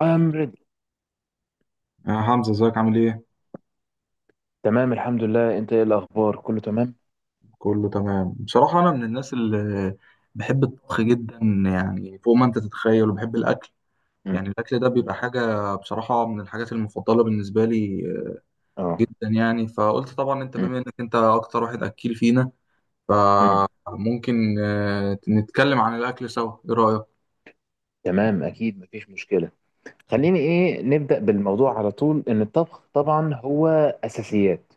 I'm ready. يا حمزة ازيك عامل ايه؟ تمام الحمد لله، انت ايه الاخبار؟ كله تمام. كله تمام بصراحة، أنا من الناس اللي بحب الطبخ جدا يعني فوق ما أنت تتخيل، وبحب الأكل مم. يعني الأكل ده مم. بيبقى حاجة بصراحة من الحاجات المفضلة بالنسبة لي اه. جدا. يعني فقلت طبعا أنت مم. بما إنك أنت أكتر واحد أكيل فينا، مم. فممكن نتكلم عن الأكل سوا. إيه رأيك؟ تمام، اكيد مفيش مشكله. خليني ايه نبدا بالموضوع على طول، ان الطبخ طبعا هو اساسيات.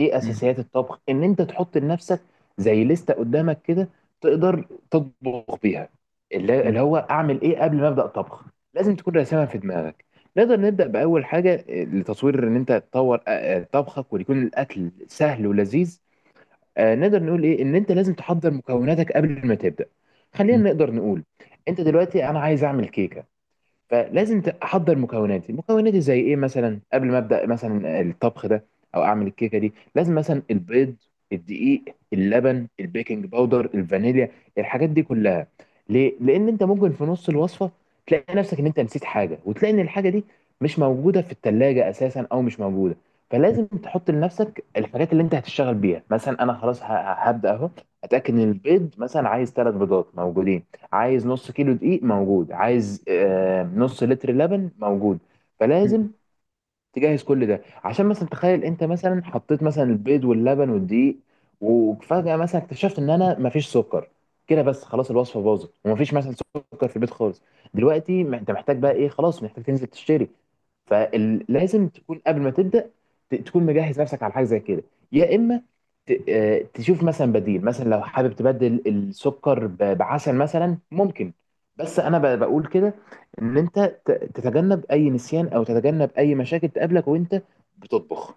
ايه مم. اساسيات الطبخ؟ ان انت تحط لنفسك زي لستة قدامك كده، تقدر تطبخ بيها. اللي هو اعمل ايه قبل ما ابدا طبخ، لازم تكون راسمها في دماغك. نقدر نبدا باول حاجه لتطوير، ان انت تطور اه، طبخك ويكون الاكل سهل ولذيذ. نقدر نقول ايه ان انت لازم تحضر مكوناتك قبل ما تبدا. مم. خلينا نقدر نقول انت دلوقتي انا عايز اعمل كيكه، فلازم احضر مكوناتي زي ايه مثلا قبل ما ابدا مثلا الطبخ ده، او اعمل الكيكه دي. لازم مثلا البيض، الدقيق، اللبن، البيكنج باودر، الفانيليا، الحاجات دي كلها. ليه؟ لان انت ممكن في نص الوصفه تلاقي نفسك ان انت نسيت حاجه، وتلاقي ان الحاجه دي مش موجوده في التلاجة اساسا، او مش موجوده. فلازم تحط لنفسك الحاجات اللي انت هتشتغل بيها. مثلا انا خلاص هبدا اهو، اتاكد ان البيض مثلا عايز ثلاث بيضات موجودين، عايز نص كيلو دقيق موجود، عايز نص لتر لبن موجود. مم. فلازم تجهز كل ده، عشان مثلا تخيل انت مثلا حطيت مثلا البيض واللبن والدقيق، وفجأة مثلا اكتشفت ان انا مفيش سكر. كده بس خلاص الوصفة باظت ومفيش مثلا سكر في البيت خالص. دلوقتي ما انت محتاج بقى ايه؟ خلاص محتاج تنزل تشتري. فلازم تكون قبل ما تبدأ تكون مجهز نفسك على حاجة زي كده. يا اما تشوف مثلا بديل، مثلا لو حابب تبدل السكر بعسل مثلا ممكن. بس انا بقول كده ان انت تتجنب اي نسيان، او تتجنب اي مشاكل تقابلك وانت بتطبخ.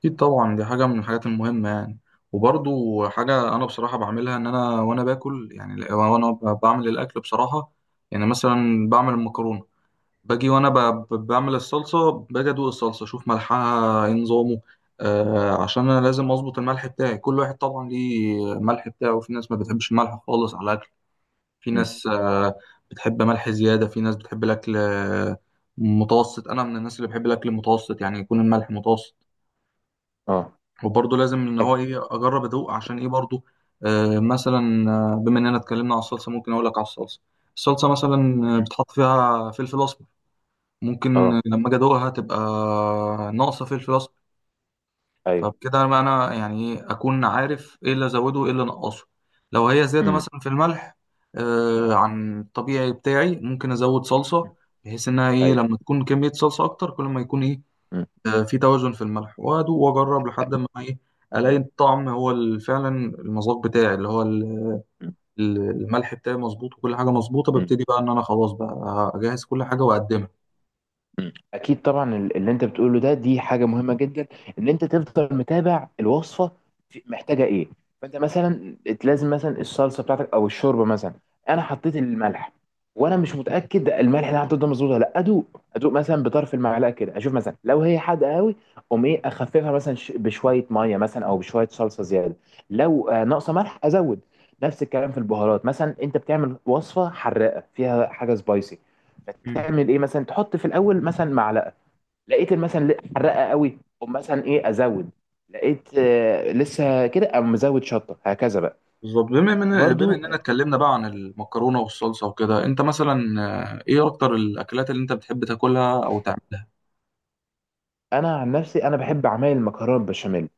أكيد طبعا، دي حاجة من الحاجات المهمة يعني، وبرضو حاجة أنا بصراحة بعملها. إن أنا وأنا باكل يعني وأنا بعمل الأكل بصراحة. يعني مثلا بعمل المكرونة باجي وأنا بعمل الصلصة، باجي أدوق الصلصة أشوف ملحها إيه نظامه. عشان أنا لازم أظبط الملح بتاعي، كل واحد طبعا ليه ملح بتاعه. في ناس ما بتحبش الملح خالص على الأكل، في مم. ناس بتحب ملح زيادة، في ناس بتحب الأكل متوسط. أنا من الناس اللي بحب الأكل المتوسط يعني يكون الملح متوسط. اه. وبرضه لازم ان هو أك- ايه اجرب ادوق عشان ايه برضه مثلا. بما اننا اتكلمنا على الصلصه ممكن اقول لك على الصلصه. الصلصه مثلا مم. بتحط فيها فلفل اسمر، ممكن اه. لما اجي ادوقها تبقى ناقصه فلفل اسمر. ايوه. فبكده انا يعني ايه اكون عارف ايه اللي ازوده وايه اللي انقصه. لو هي زياده مم. مثلا في الملح عن الطبيعي بتاعي ممكن ازود صلصه، بحيث انها ايه ايوه. لما تكون كميه صلصه اكتر كل ما يكون ايه مم. في توازن في الملح. وادوق واجرب لحد ما ايه الاقي مم. الطعم هو فعلا المذاق بتاعي، اللي هو مم. الملح بتاعي مظبوط، وكل حاجه مظبوطه. مم. ببتدي بقى ان انا خلاص بقى اجهز كل حاجه واقدمها. مم. اكيد طبعا، اللي انت بتقوله ده دي حاجه مهمه جدا. ان انت تفضل متابع الوصفه محتاجه ايه. فانت مثلا لازم مثلا الصلصه بتاعتك او الشوربه مثلا، انا حطيت الملح وانا مش متاكد الملح اللي أنا حطيته ده مظبوط ولا لا، ادوق ادوق مثلا بطرف المعلقه كده، اشوف مثلا لو هي حادقه قوي اقوم ايه اخففها مثلا بشويه ميه مثلا، او بشويه صلصه زياده. لو ناقصه ملح ازود. نفس الكلام في البهارات، مثلا انت بتعمل وصفه حراقه فيها حاجه سبايسي، مم. تعمل ايه؟ مثلا تحط في الاول مثلا معلقه، لقيت مثلا حرقه قوي، او مثلا ايه ازود، لقيت لسه كده او مزود شطه هكذا بقى. بالظبط. بما برضو اننا اتكلمنا بقى عن المكرونه والصلصه وكده، انت مثلا ايه اكتر الاكلات اللي انت بتحب تاكلها او تعملها؟ انا عن نفسي انا بحب اعمل المكرونه بشاميل.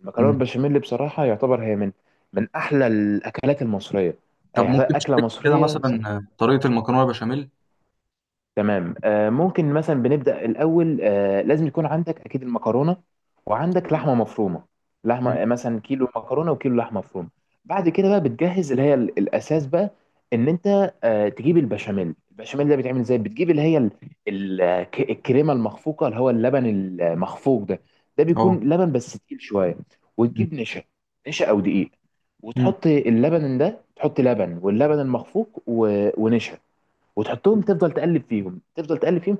المكرونه مم. البشاميل بصراحه يعتبر هي من احلى الاكلات المصريه، طب يعني يعتبر ممكن اكله تشارك كده مصريه. مثلا طريقه المكرونه بشاميل؟ تمام، ممكن مثلا بنبدأ الأول. لازم يكون عندك أكيد المكرونة وعندك لحمة مفرومة. لحمة مم. مثلا كيلو مكرونة وكيلو لحمة مفرومة. بعد كده بقى بتجهز اللي هي الأساس بقى، إن أنت تجيب البشاميل. البشاميل ده بيتعمل إزاي؟ بتجيب اللي هي الكريمة المخفوقة، اللي هو اللبن المخفوق ده، ده بيكون اه. لبن بس تقيل شوية. مم. وتجيب نشا، نشا أو دقيق، مم. وتحط اللبن ده، تحط لبن واللبن المخفوق ونشا، وتحطهم تفضل تقلب فيهم تفضل تقلب فيهم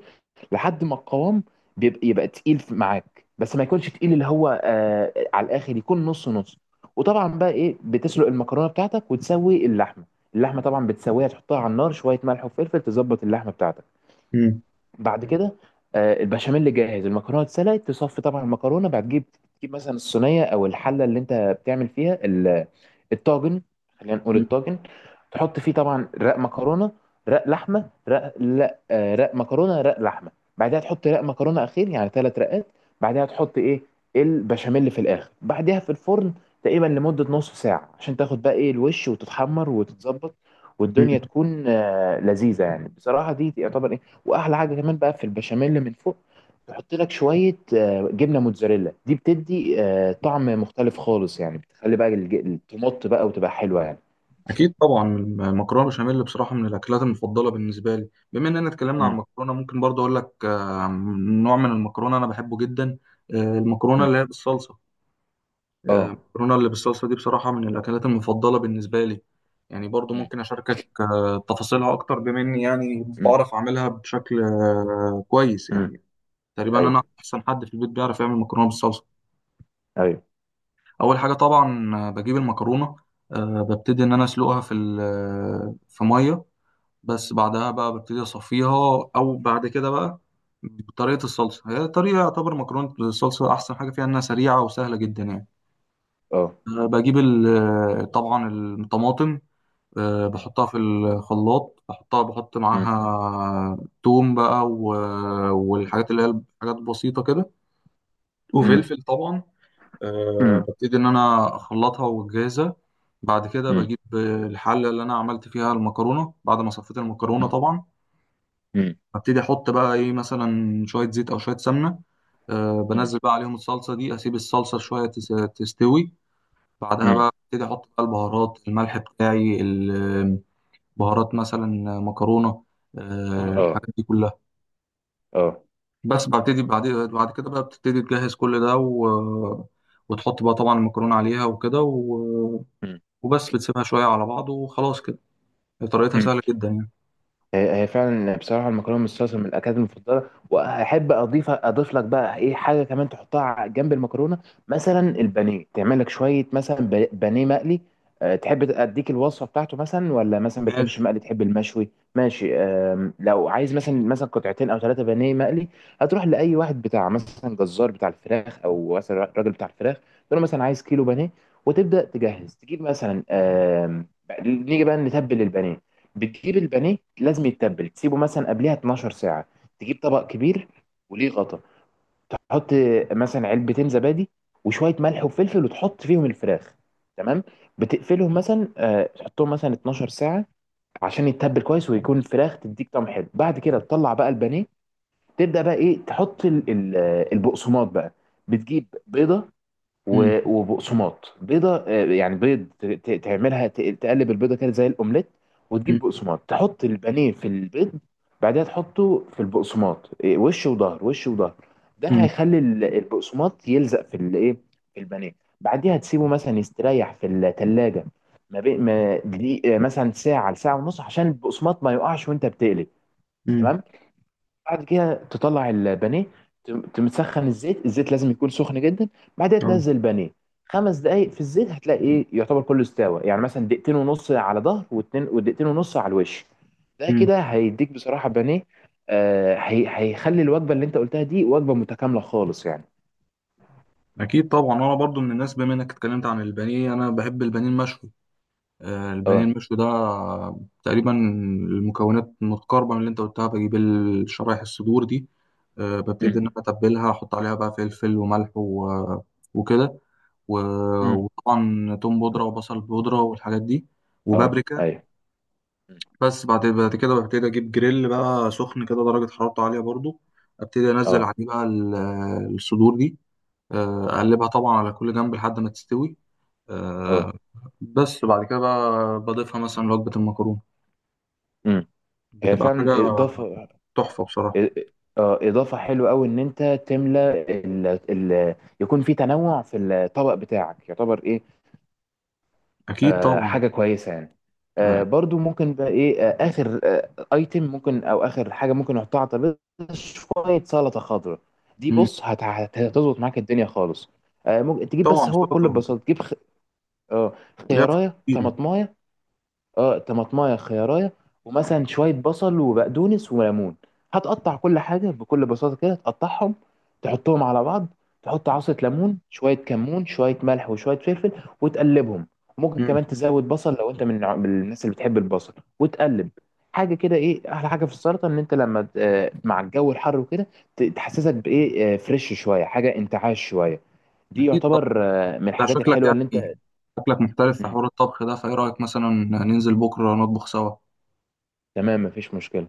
لحد ما القوام بيبقى يبقى تقيل معاك، بس ما يكونش تقيل اللي هو على الاخر، يكون نص نص. وطبعا بقى ايه بتسلق المكرونه بتاعتك وتسوي اللحمه. اللحمه طبعا بتسويها تحطها على النار، شويه ملح وفلفل، تظبط اللحمه بتاعتك. مم. بعد كده البشاميل جاهز، المكرونه اتسلقت، تصفي طبعا المكرونه، بعد تجيب مثلا الصينيه او الحله اللي انت بتعمل فيها الطاجن، خلينا نقول الطاجن. تحط فيه طبعا رق مكرونه رق لحمه، رق لا رق مكرونه رق لحمه، بعدها تحط رق مكرونه اخير، يعني ثلاث رقات. بعدها تحط ايه البشاميل في الاخر، بعدها في الفرن تقريبا لمده نص ساعه، عشان تاخد بقى ايه الوش وتتحمر وتتظبط، مم. والدنيا تكون لذيذه، يعني بصراحه دي يعتبر. واحلى حاجه كمان بقى في البشاميل اللي من فوق، تحط لك شويه جبنه موتزاريلا، دي بتدي طعم مختلف خالص، يعني بتخلي بقى التمط بقى وتبقى حلوه يعني. اكيد طبعا المكرونه بشاميل بصراحه من الاكلات المفضله بالنسبه لي. بما اننا اتكلمنا عن مم. المكرونه ممكن برضه اقول لك نوع من المكرونه انا بحبه جدا. المكرونه مم. اللي هي بالصلصه. اه. المكرونه اللي بالصلصه دي بصراحه من الاكلات المفضله بالنسبه لي. يعني برضه مم. ممكن اشاركك تفاصيلها اكتر، بما اني يعني مم. بعرف اعملها بشكل كويس مم. يعني. تقريبا انا ايوه. احسن حد في البيت بيعرف يعمل مكرونه بالصلصه. ايوه. اول حاجه طبعا بجيب المكرونه. ببتدي ان انا اسلقها في في ميه. بس بعدها بقى ببتدي اصفيها، او بعد كده بقى بطريقه الصلصه. هي طريقه يعتبر مكرونه الصلصه احسن حاجه فيها انها سريعه وسهله جدا يعني. اه. بجيب طبعا الطماطم. مم. بحطها في الخلاط، بحطها بحط مم. معاها توم بقى مم. والحاجات اللي هي حاجات بسيطه كده، مم. وفلفل طبعا. مم. ببتدي ان انا اخلطها واجهزها. بعد كده مم. بجيب الحله اللي انا عملت فيها المكرونه بعد ما صفيت المكرونه طبعا. مم. هبتدي احط بقى ايه مثلا شويه زيت او شويه سمنه. مم. بنزل بقى عليهم الصلصه دي، اسيب الصلصه شويه تستوي. بعدها مم. بقى ابتدي احط بقى البهارات، الملح بتاعي، البهارات مثلا، مكرونه، اه. الحاجات دي كلها. اه. بس ببتدي بعد كده بقى بتبتدي تجهز كل ده، و... وتحط بقى طبعا المكرونه عليها وكده، و... وبس بتسيبها شويه على بعض وخلاص كده. طريقتها مم. سهله جدا يعني. هي هي فعلا بصراحه المكرونه بالصلصه من الاكلات المفضله. واحب اضيف لك بقى ايه حاجه كمان تحطها جنب المكرونه، مثلا البانيه. تعمل لك شويه مثلا بانيه مقلي. تحب اديك الوصفه بتاعته مثلا، ولا مثلا بتحبش ماشي. المقلي تحب المشوي؟ ماشي. لو عايز مثلا قطعتين او ثلاثه بانيه مقلي، هتروح لاي واحد بتاع مثلا جزار بتاع الفراخ، او مثلا راجل بتاع الفراخ، تقول له مثلا عايز كيلو بانيه. وتبدا تجهز، تجيب مثلا نيجي بقى نتبل البانيه. بتجيب البانيه لازم يتبل، تسيبه مثلا قبلها 12 ساعة. تجيب طبق كبير وليه غطا، تحط مثلا علبتين زبادي وشوية ملح وفلفل، وتحط فيهم الفراخ. تمام. بتقفلهم مثلا، تحطهم مثلا 12 ساعة عشان يتبل كويس، ويكون الفراخ تديك طعم حلو. بعد كده تطلع بقى البانيه، تبدأ بقى ايه تحط البقسماط بقى. بتجيب بيضة امم. وبقسماط. بيضه يعني بيض، تقلب البيضه كده زي الاومليت، وتجيب بقسماط، تحط البانيه في البيض، بعدها تحطه في البقسماط، وش وظهر وش وظهر. ده امم. هيخلي البقسماط يلزق في الايه، في البانيه. بعديها تسيبه مثلا يستريح في الثلاجه ما بين ما دقيق- آه، مثلا ساعه لساعه ونص، عشان البقسماط ما يقعش وانت بتقلي. تمام. بعد كده تطلع البانيه، تمسخن الزيت، الزيت لازم يكون سخن جدا. بعدها تنزل البانيه خمس دقايق في الزيت، هتلاقي ايه يعتبر كله استوى، يعني مثلا دقيقتين ونص على ظهر واتنين، ودقيقتين ونص على الوش. ده امم. كده هيديك بصراحة بانيه. هي هيخلي الوجبة اللي انت قلتها دي وجبة متكاملة خالص يعني. اكيد طبعا انا برضو من الناس، بما انك اتكلمت عن البانيه، انا بحب البانيه المشوي. البانيه اه. المشوي ده تقريبا المكونات متقاربه من اللي انت قلتها. بجيب الشرايح، الصدور دي ببتدي امم. ان انا اتبلها، احط عليها بقى فلفل وملح وكده و- امم. وطبعا توم بودره وبصل بودره والحاجات دي اه. وبابريكا. ايوه. مم. بس بعد كده ببتدي اجيب جريل بقى سخن كده درجه حرارته عاليه برضو، ابتدي انزل اه. عليه بقى الصدور دي. امم. اقلبها طبعا على كل جنب لحد ما تستوي. آه، اه. بس بعد كده بقى بضيفها مثلا وجبة المكرونة، امم. هي بتبقى حاجة فعلا اضافه، تحفة بصراحة. اضافه حلوه قوي، ان انت تملى ال... يكون في تنوع في الطبق بتاعك، يعتبر ايه أكيد طبعا. حاجه كويسه يعني. آه، برضو ممكن بقى ايه اخر ايتم ممكن، او اخر حاجه ممكن نحطها على الترابيزه، شويه سلطه خضراء. دي مم. بص هتظبط معاك الدنيا خالص. ممكن تجيب، بس طبعا هو كل سلطة ببساطه تجيب آه ليها فوائد خيارية كتير يعني. طماطماية. اه، طماطمايه خيارايه، ومثلا شويه بصل وبقدونس وليمون. هتقطع كل حاجه بكل بساطه كده، تقطعهم تحطهم على بعض، تحط عصره ليمون شويه كمون شويه ملح وشويه فلفل وتقلبهم. ممكن مم. كمان تزود بصل لو انت من من الناس اللي بتحب البصل وتقلب. حاجه كده، ايه احلى حاجه في السلطه؟ ان انت لما مع الجو الحر وكده تحسسك بايه فريش شويه، حاجه انتعاش شويه. دي أكيد طبعا. يعتبر من أنت الحاجات شكلك الحلوه اللي يعني، انت. شكلك محترف في مم. حوار الطبخ ده، فإيه رأيك مثلا ننزل بكرة نطبخ سوا؟ تمام، مفيش مشكله.